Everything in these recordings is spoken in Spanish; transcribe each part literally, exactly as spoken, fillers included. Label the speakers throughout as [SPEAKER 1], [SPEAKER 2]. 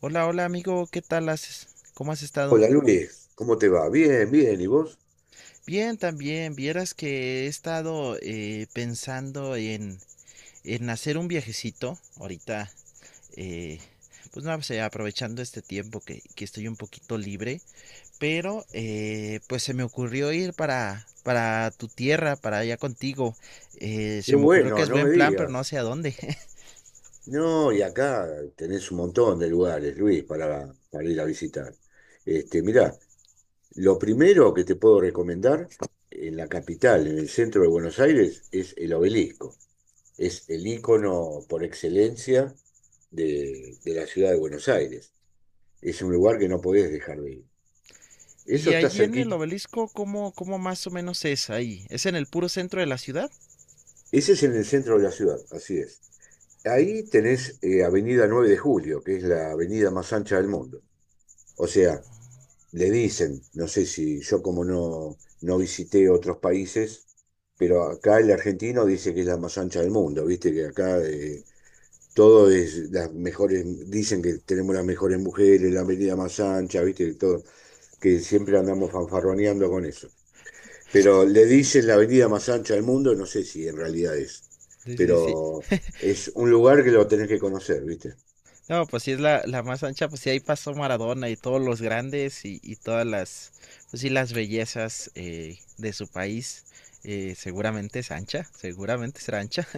[SPEAKER 1] Hola, hola amigo, ¿qué tal haces? ¿Cómo has estado?
[SPEAKER 2] Hola Luis, ¿cómo te va? Bien, bien, ¿y vos?
[SPEAKER 1] Bien, también, vieras que he estado eh, pensando en, en hacer un viajecito ahorita, eh, pues no sé, aprovechando este tiempo que, que estoy un poquito libre, pero eh, pues se me ocurrió ir para, para tu tierra, para allá contigo. Eh,
[SPEAKER 2] Qué
[SPEAKER 1] se me ocurrió que
[SPEAKER 2] bueno,
[SPEAKER 1] es
[SPEAKER 2] no me
[SPEAKER 1] buen plan, pero no
[SPEAKER 2] digas.
[SPEAKER 1] sé a dónde.
[SPEAKER 2] No, y acá tenés un montón de lugares, Luis, para, para ir a visitar. Este, mirá, lo primero que te puedo recomendar en la capital, en el centro de Buenos Aires, es el obelisco. Es el ícono por excelencia de, de la ciudad de Buenos Aires. Es un lugar que no podés dejar de ir. Eso
[SPEAKER 1] Y
[SPEAKER 2] está
[SPEAKER 1] allí en el
[SPEAKER 2] cerquita.
[SPEAKER 1] obelisco, ¿cómo, cómo más o menos es ahí? ¿Es en el puro centro de la ciudad?
[SPEAKER 2] Ese es en el centro de la ciudad, así es. Ahí tenés eh, Avenida nueve de Julio, que es la avenida más ancha del mundo. O sea, le dicen, no sé si yo como no, no visité otros países, pero acá el argentino dice que es la más ancha del mundo, viste que acá eh, todo es las mejores, dicen que tenemos las mejores mujeres, la avenida más ancha, viste que todo, que siempre andamos fanfarroneando con eso. Pero le dicen la avenida más ancha del mundo, no sé si en realidad es,
[SPEAKER 1] Sí, sí, sí.
[SPEAKER 2] pero es un lugar que lo tenés que conocer, viste.
[SPEAKER 1] No, pues sí es la, la más ancha, pues sí ahí pasó Maradona y todos los grandes y, y todas las, pues sí las bellezas eh, de su país. Eh, seguramente es ancha, seguramente será ancha.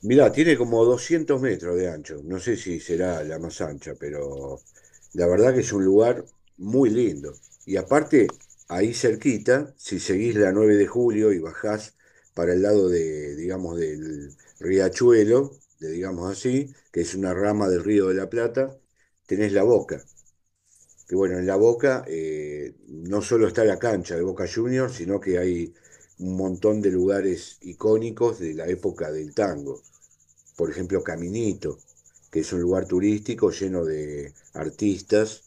[SPEAKER 2] Mirá, tiene como doscientos metros de ancho. No sé si será la más ancha, pero la verdad que es un lugar muy lindo. Y aparte, ahí cerquita, si seguís la nueve de julio y bajás para el lado de, digamos, del Riachuelo, de, digamos así, que es una rama del Río de la Plata, tenés La Boca. Que bueno, en La Boca eh, no solo está la cancha de Boca Juniors, sino que hay un montón de lugares icónicos de la época del tango, por ejemplo Caminito, que es un lugar turístico lleno de artistas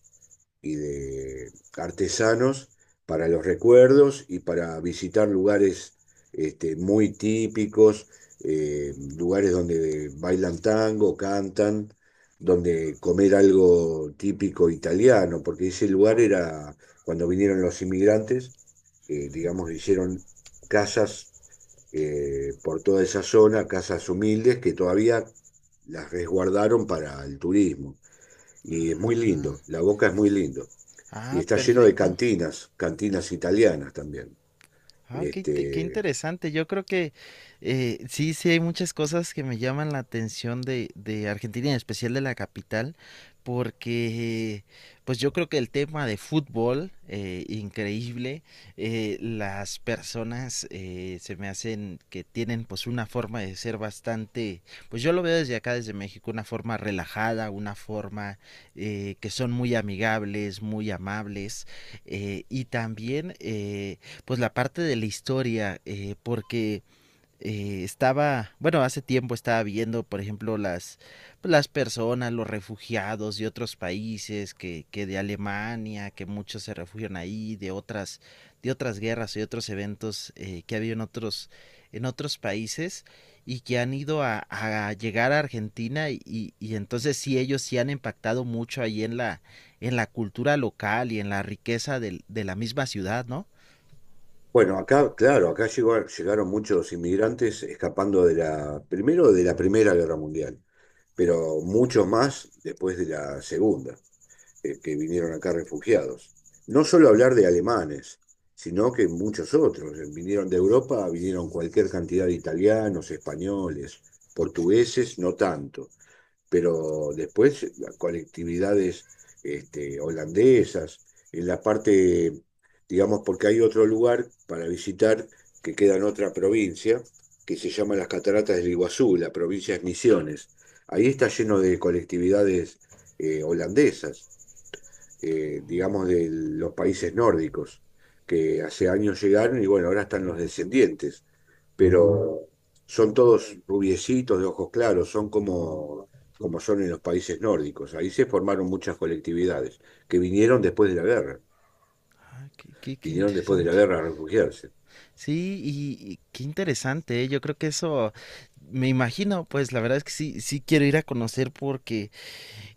[SPEAKER 2] y de artesanos para los recuerdos y para visitar lugares este, muy típicos, eh, lugares donde bailan tango, cantan, donde comer algo típico italiano, porque ese lugar era, cuando vinieron los inmigrantes, eh, digamos, hicieron casas eh, por toda esa zona, casas humildes que todavía las resguardaron para el turismo. Y es muy lindo, La Boca es muy lindo.
[SPEAKER 1] Ah,
[SPEAKER 2] Y
[SPEAKER 1] ah,
[SPEAKER 2] está lleno de
[SPEAKER 1] perfecto.
[SPEAKER 2] cantinas, cantinas italianas también.
[SPEAKER 1] Ah, qué, inte- qué
[SPEAKER 2] Este,
[SPEAKER 1] interesante. Yo creo que eh, sí, sí hay muchas cosas que me llaman la atención de, de Argentina, y en especial de la capital, porque pues yo creo que el tema de fútbol, eh, increíble. Eh, las personas, eh, se me hacen que tienen pues una forma de ser bastante, pues yo lo veo desde acá, desde México, una forma relajada, una forma eh, que son muy amigables, muy amables, eh, y también eh, pues la parte de la historia, eh, porque eh, estaba, bueno, hace tiempo estaba viendo, por ejemplo, las, pues, las personas, los refugiados de otros países, que, que de Alemania, que muchos se refugian ahí, de otras, de otras guerras y otros eventos eh, que ha habido en otros, en otros países y que han ido a, a llegar a Argentina y, y entonces sí ellos sí han impactado mucho ahí en la, en la cultura local y en la riqueza del, de la misma ciudad, ¿no?
[SPEAKER 2] bueno, acá, claro, acá llegó- llegaron muchos inmigrantes escapando de la, primero de la Primera Guerra Mundial, pero muchos más después de la Segunda. Eh, que vinieron acá refugiados. No solo hablar de alemanes, sino que muchos otros. eh, Vinieron de Europa, vinieron cualquier cantidad de italianos, españoles, portugueses, no tanto, pero después colectividades este, holandesas, en la parte, digamos, porque hay otro lugar para visitar que queda en otra provincia, que se llama las Cataratas del Iguazú, la provincia de Misiones. Ahí está lleno de colectividades eh, holandesas, eh, digamos, de los países nórdicos, que hace años llegaron y bueno, ahora están los descendientes, pero son todos rubiecitos de ojos claros, son como, como son en los países nórdicos. Ahí se formaron muchas colectividades que vinieron después de la guerra,
[SPEAKER 1] Ah, qué, qué- qué
[SPEAKER 2] vinieron después de la
[SPEAKER 1] interesante.
[SPEAKER 2] guerra a refugiarse.
[SPEAKER 1] Sí, y, y qué interesante, ¿eh? Yo creo que eso, me imagino, pues la verdad es que sí, sí quiero ir a conocer porque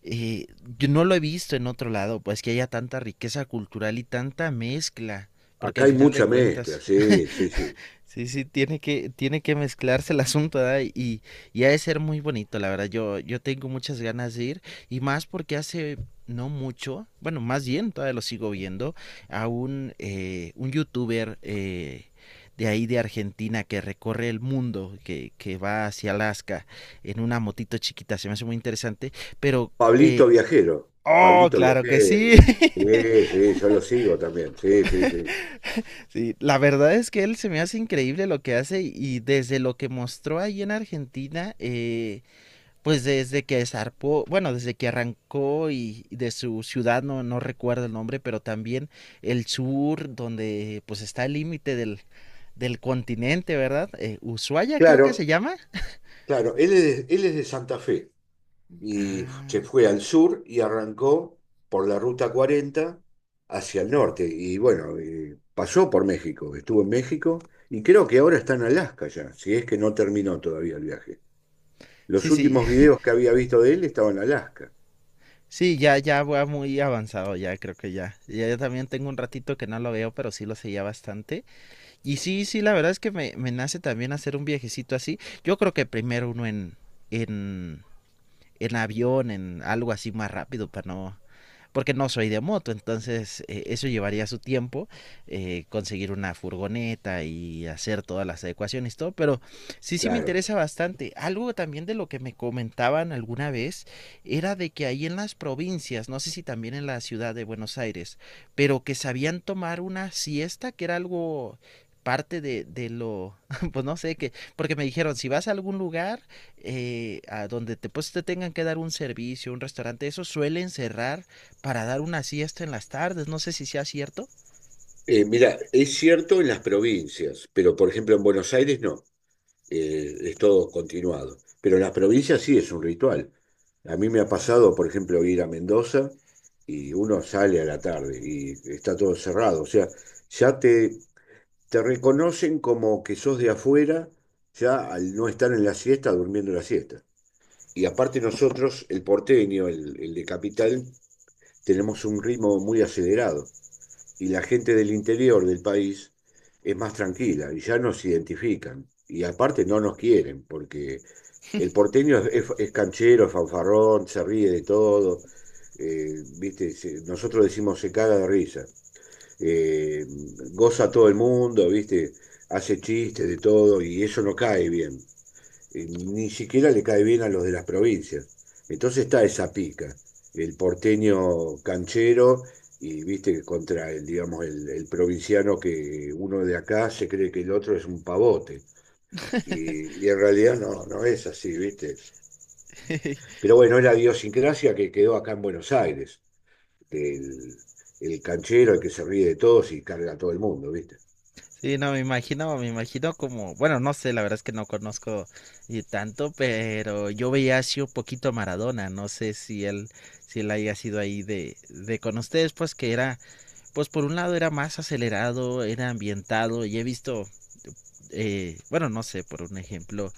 [SPEAKER 1] eh, yo no lo he visto en otro lado, pues que haya tanta riqueza cultural y tanta mezcla, porque
[SPEAKER 2] Acá
[SPEAKER 1] al
[SPEAKER 2] hay
[SPEAKER 1] final de
[SPEAKER 2] mucha mezcla,
[SPEAKER 1] cuentas.
[SPEAKER 2] sí, sí, sí.
[SPEAKER 1] Sí, sí, tiene que, tiene que mezclarse el asunto, ¿verdad? Y, y ha de ser muy bonito, la verdad. Yo, yo tengo muchas ganas de ir, y más porque hace no mucho, bueno, más bien todavía lo sigo viendo, a un, eh, un youtuber eh, de ahí de Argentina que recorre el mundo, que, que va hacia Alaska en una motito chiquita. Se me hace muy interesante, pero...
[SPEAKER 2] Pablito
[SPEAKER 1] eh,
[SPEAKER 2] Viajero,
[SPEAKER 1] Oh,
[SPEAKER 2] Pablito
[SPEAKER 1] claro que
[SPEAKER 2] Viajero,
[SPEAKER 1] sí.
[SPEAKER 2] sí, sí, yo lo sigo también, sí, sí, sí.
[SPEAKER 1] Sí, la verdad es que él se me hace increíble lo que hace y desde lo que mostró ahí en Argentina, eh, pues desde que zarpó, bueno, desde que arrancó y y de su ciudad, no, no recuerdo el nombre, pero también el sur, donde pues está el límite del, del continente, ¿verdad? Eh, Ushuaia creo que se
[SPEAKER 2] Claro,
[SPEAKER 1] llama.
[SPEAKER 2] claro, él es, él es de Santa Fe. Y se
[SPEAKER 1] Ah,
[SPEAKER 2] fue al sur y arrancó por la ruta cuarenta hacia el norte. Y bueno, eh, pasó por México, estuvo en México y creo que ahora está en Alaska ya, si es que no terminó todavía el viaje. Los
[SPEAKER 1] sí, sí,
[SPEAKER 2] últimos videos que había visto de él estaban en Alaska,
[SPEAKER 1] sí, ya, ya va muy avanzado, ya creo que ya. Ya yo también tengo un ratito que no lo veo, pero sí lo seguía bastante. Y sí, sí, la verdad es que me, me nace también hacer un viajecito así. Yo creo que primero uno en, en, en avión, en algo así más rápido para no, porque no soy de moto, entonces eh, eso llevaría su tiempo, eh, conseguir una furgoneta y hacer todas las adecuaciones, todo, pero sí, sí me
[SPEAKER 2] claro.
[SPEAKER 1] interesa bastante. Algo también de lo que me comentaban alguna vez era de que ahí en las provincias, no sé si también en la ciudad de Buenos Aires, pero que sabían tomar una siesta, que era algo parte de, de, lo, pues no sé, que, porque me dijeron, si vas a algún lugar eh, a donde te, pues, te tengan que dar un servicio, un restaurante, eso suelen cerrar para dar una siesta en las tardes. No sé si sea cierto.
[SPEAKER 2] Eh, mira, es cierto en las provincias, pero por ejemplo en Buenos Aires no. Eh, es todo continuado. Pero en las provincias sí es un ritual. A mí me ha pasado,
[SPEAKER 1] Ah.
[SPEAKER 2] por ejemplo, ir a Mendoza y uno sale a la tarde y está todo cerrado. O sea, ya te, te reconocen como que sos de afuera, ya al no estar en la siesta, durmiendo la siesta. Y aparte nosotros, el porteño, el, el de capital, tenemos un ritmo muy acelerado y la gente del interior del país es más tranquila y ya nos identifican. Y aparte no nos quieren, porque el porteño es, es- es canchero, es fanfarrón, se ríe de todo. Eh, ¿viste? se- Nosotros decimos se caga de risa. Eh, goza a todo el mundo, ¿viste? Hace chistes de todo y eso no cae bien, eh, ni siquiera le cae bien a los de las provincias. Entonces está esa pica, el porteño canchero, y viste contra el, digamos, el, el provinciano, que uno de acá se cree que el otro es un pavote. Y, y en realidad no, no es así, ¿viste? Pero bueno, es la idiosincrasia que quedó acá en Buenos Aires, del el canchero, el que se ríe de todos y carga a todo el mundo, ¿viste?
[SPEAKER 1] Sí, no, me imagino, me imagino como, bueno, no sé, la verdad es que no conozco eh, tanto, pero yo veía así un poquito a Maradona, no sé si él, si él haya sido ahí de, de con ustedes, pues que era, pues por un lado era más acelerado, era ambientado, y he visto eh, bueno, no sé, por un ejemplo,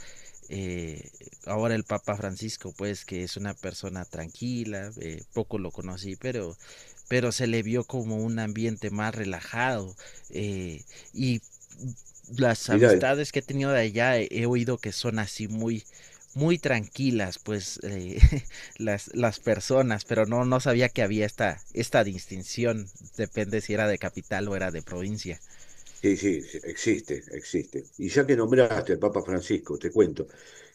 [SPEAKER 1] eh, ahora el Papa Francisco, pues que es una persona tranquila, eh, poco lo conocí, pero, pero se le vio como un ambiente más relajado eh, y las
[SPEAKER 2] Mirá, el
[SPEAKER 1] amistades que he tenido de allá he, he oído que son así muy muy tranquilas pues eh, las, las personas pero no no sabía que había esta esta distinción depende si era de capital o era de provincia.
[SPEAKER 2] Sí, sí, sí, existe, existe. Y ya que nombraste al Papa Francisco, te cuento,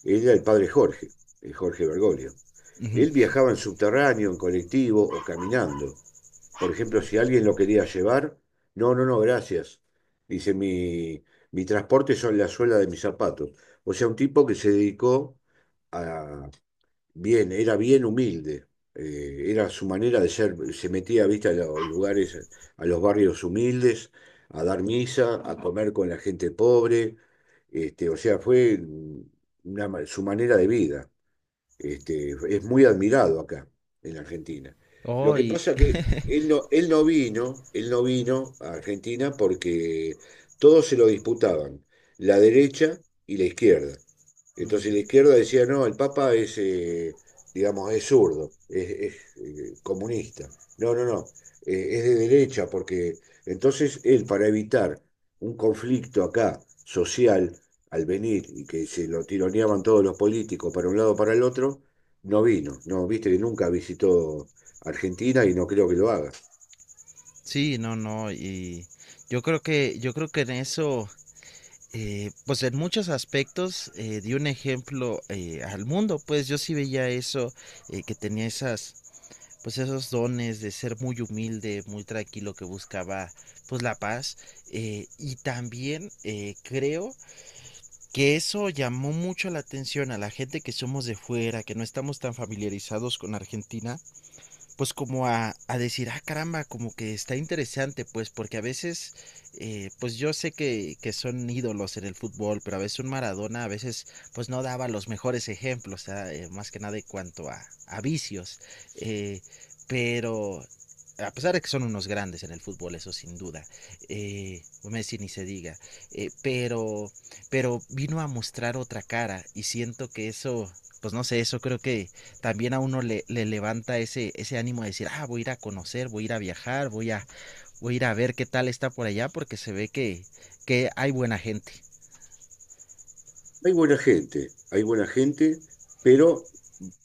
[SPEAKER 2] era el padre Jorge, el Jorge Bergoglio.
[SPEAKER 1] Uh
[SPEAKER 2] Él
[SPEAKER 1] -huh.
[SPEAKER 2] viajaba en subterráneo, en colectivo o caminando. Por ejemplo, si alguien lo quería llevar, no, no, no, gracias. Dice, mi, mi transporte son la suela de mis zapatos. O sea, un tipo que se dedicó. a, Bien, era bien humilde. Eh, era su manera de ser. Se metía, viste, a los lugares, a los barrios humildes, a dar misa, a comer con la gente pobre. Este, o sea, fue una ma- su manera de vida. Este, es muy admirado acá, en la Argentina. Lo
[SPEAKER 1] Oh.
[SPEAKER 2] que
[SPEAKER 1] y,
[SPEAKER 2] pasa que él no, él no vino, él no vino a Argentina porque todos se lo disputaban, la derecha y la izquierda.
[SPEAKER 1] Mm.
[SPEAKER 2] Entonces la izquierda decía, no, el Papa es, eh, digamos, es zurdo, es, es, eh, comunista. No, no, no, eh, es de derecha, porque entonces él, para evitar un conflicto acá social, al venir y que se lo tironeaban todos los políticos para un lado para el otro, no vino. No, viste que nunca visitó Argentina y no creo que lo haga.
[SPEAKER 1] Sí, no, no, y yo creo que, yo creo que en eso, eh, pues en muchos aspectos eh, di un ejemplo eh, al mundo, pues yo sí veía eso, eh, que tenía esas, pues esos dones de ser muy humilde, muy tranquilo, que buscaba pues la paz, eh, y también eh, creo que eso llamó mucho la atención a la gente que somos de fuera, que no estamos tan familiarizados con Argentina, pues como a, a decir, ah, caramba, como que está interesante, pues porque a veces, eh, pues yo sé que, que son ídolos en el fútbol, pero a veces un Maradona a veces pues no daba los mejores ejemplos, ah, eh, más que nada en cuanto a, a vicios, eh, pero a pesar de que son unos grandes en el fútbol, eso sin duda, eh, Messi ni se diga, eh, pero, pero vino a mostrar otra cara y siento que eso, pues no sé, eso creo que, también a uno le, le, levanta ese, ese ánimo de decir, ah, voy a ir a conocer, voy a ir a viajar, voy a, voy a ir a ver qué tal está por allá, porque se ve que, que hay buena gente.
[SPEAKER 2] Hay buena gente, hay buena gente, pero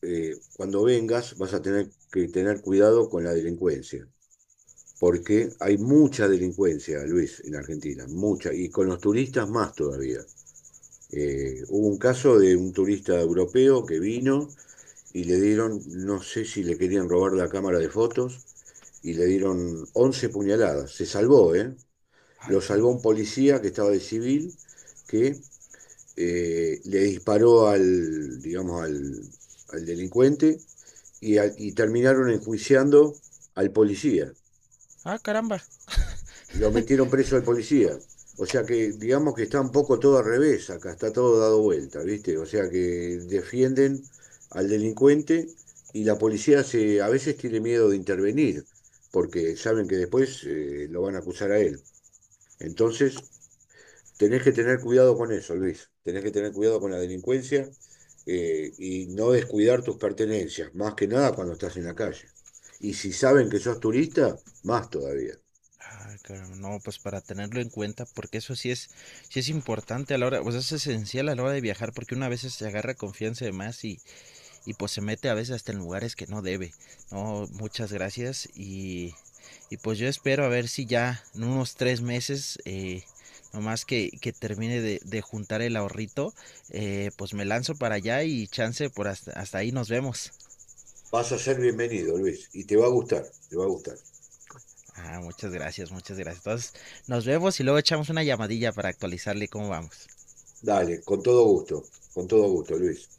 [SPEAKER 2] eh, cuando vengas vas a tener que tener cuidado con la delincuencia, porque hay mucha delincuencia, Luis, en Argentina, mucha, y con los turistas más todavía. Eh, hubo un caso de un turista europeo que vino y le dieron, no sé si le querían robar la cámara de fotos, y le dieron once puñaladas. Se salvó, ¿eh? Lo
[SPEAKER 1] Ay,
[SPEAKER 2] salvó
[SPEAKER 1] caramba.
[SPEAKER 2] un policía que estaba de civil, que eh, le disparó al, digamos, al, al delincuente, y, al- y terminaron enjuiciando al policía,
[SPEAKER 1] Ah, caramba.
[SPEAKER 2] lo metieron preso al policía. O sea que digamos que está un poco todo al revés acá, está todo dado vuelta, ¿viste? O sea que defienden al delincuente y la policía se, a veces tiene miedo de intervenir, porque saben que después eh, lo van a acusar a él. Entonces, tenés que tener cuidado con eso, Luis. Tenés que tener cuidado con la delincuencia, eh, y no descuidar tus pertenencias, más que nada cuando estás en la calle. Y si saben que sos turista, más todavía.
[SPEAKER 1] Ay, caramba. No, pues para tenerlo en cuenta, porque eso sí es, sí es importante a la hora, pues es esencial a la hora de viajar, porque una vez se agarra confianza de más y, y pues se mete a veces hasta en lugares que no debe. No, muchas gracias y, y pues yo espero a ver si ya en unos tres meses, eh, nomás que, que termine de, de juntar el ahorrito, eh, pues me lanzo para allá y chance por hasta, hasta ahí nos vemos.
[SPEAKER 2] Vas a ser bienvenido, Luis, y te va a gustar, te va a gustar.
[SPEAKER 1] Ah, muchas gracias, muchas gracias. Entonces nos vemos y luego echamos una llamadilla para actualizarle cómo vamos.
[SPEAKER 2] Dale, con todo gusto, con todo gusto, Luis.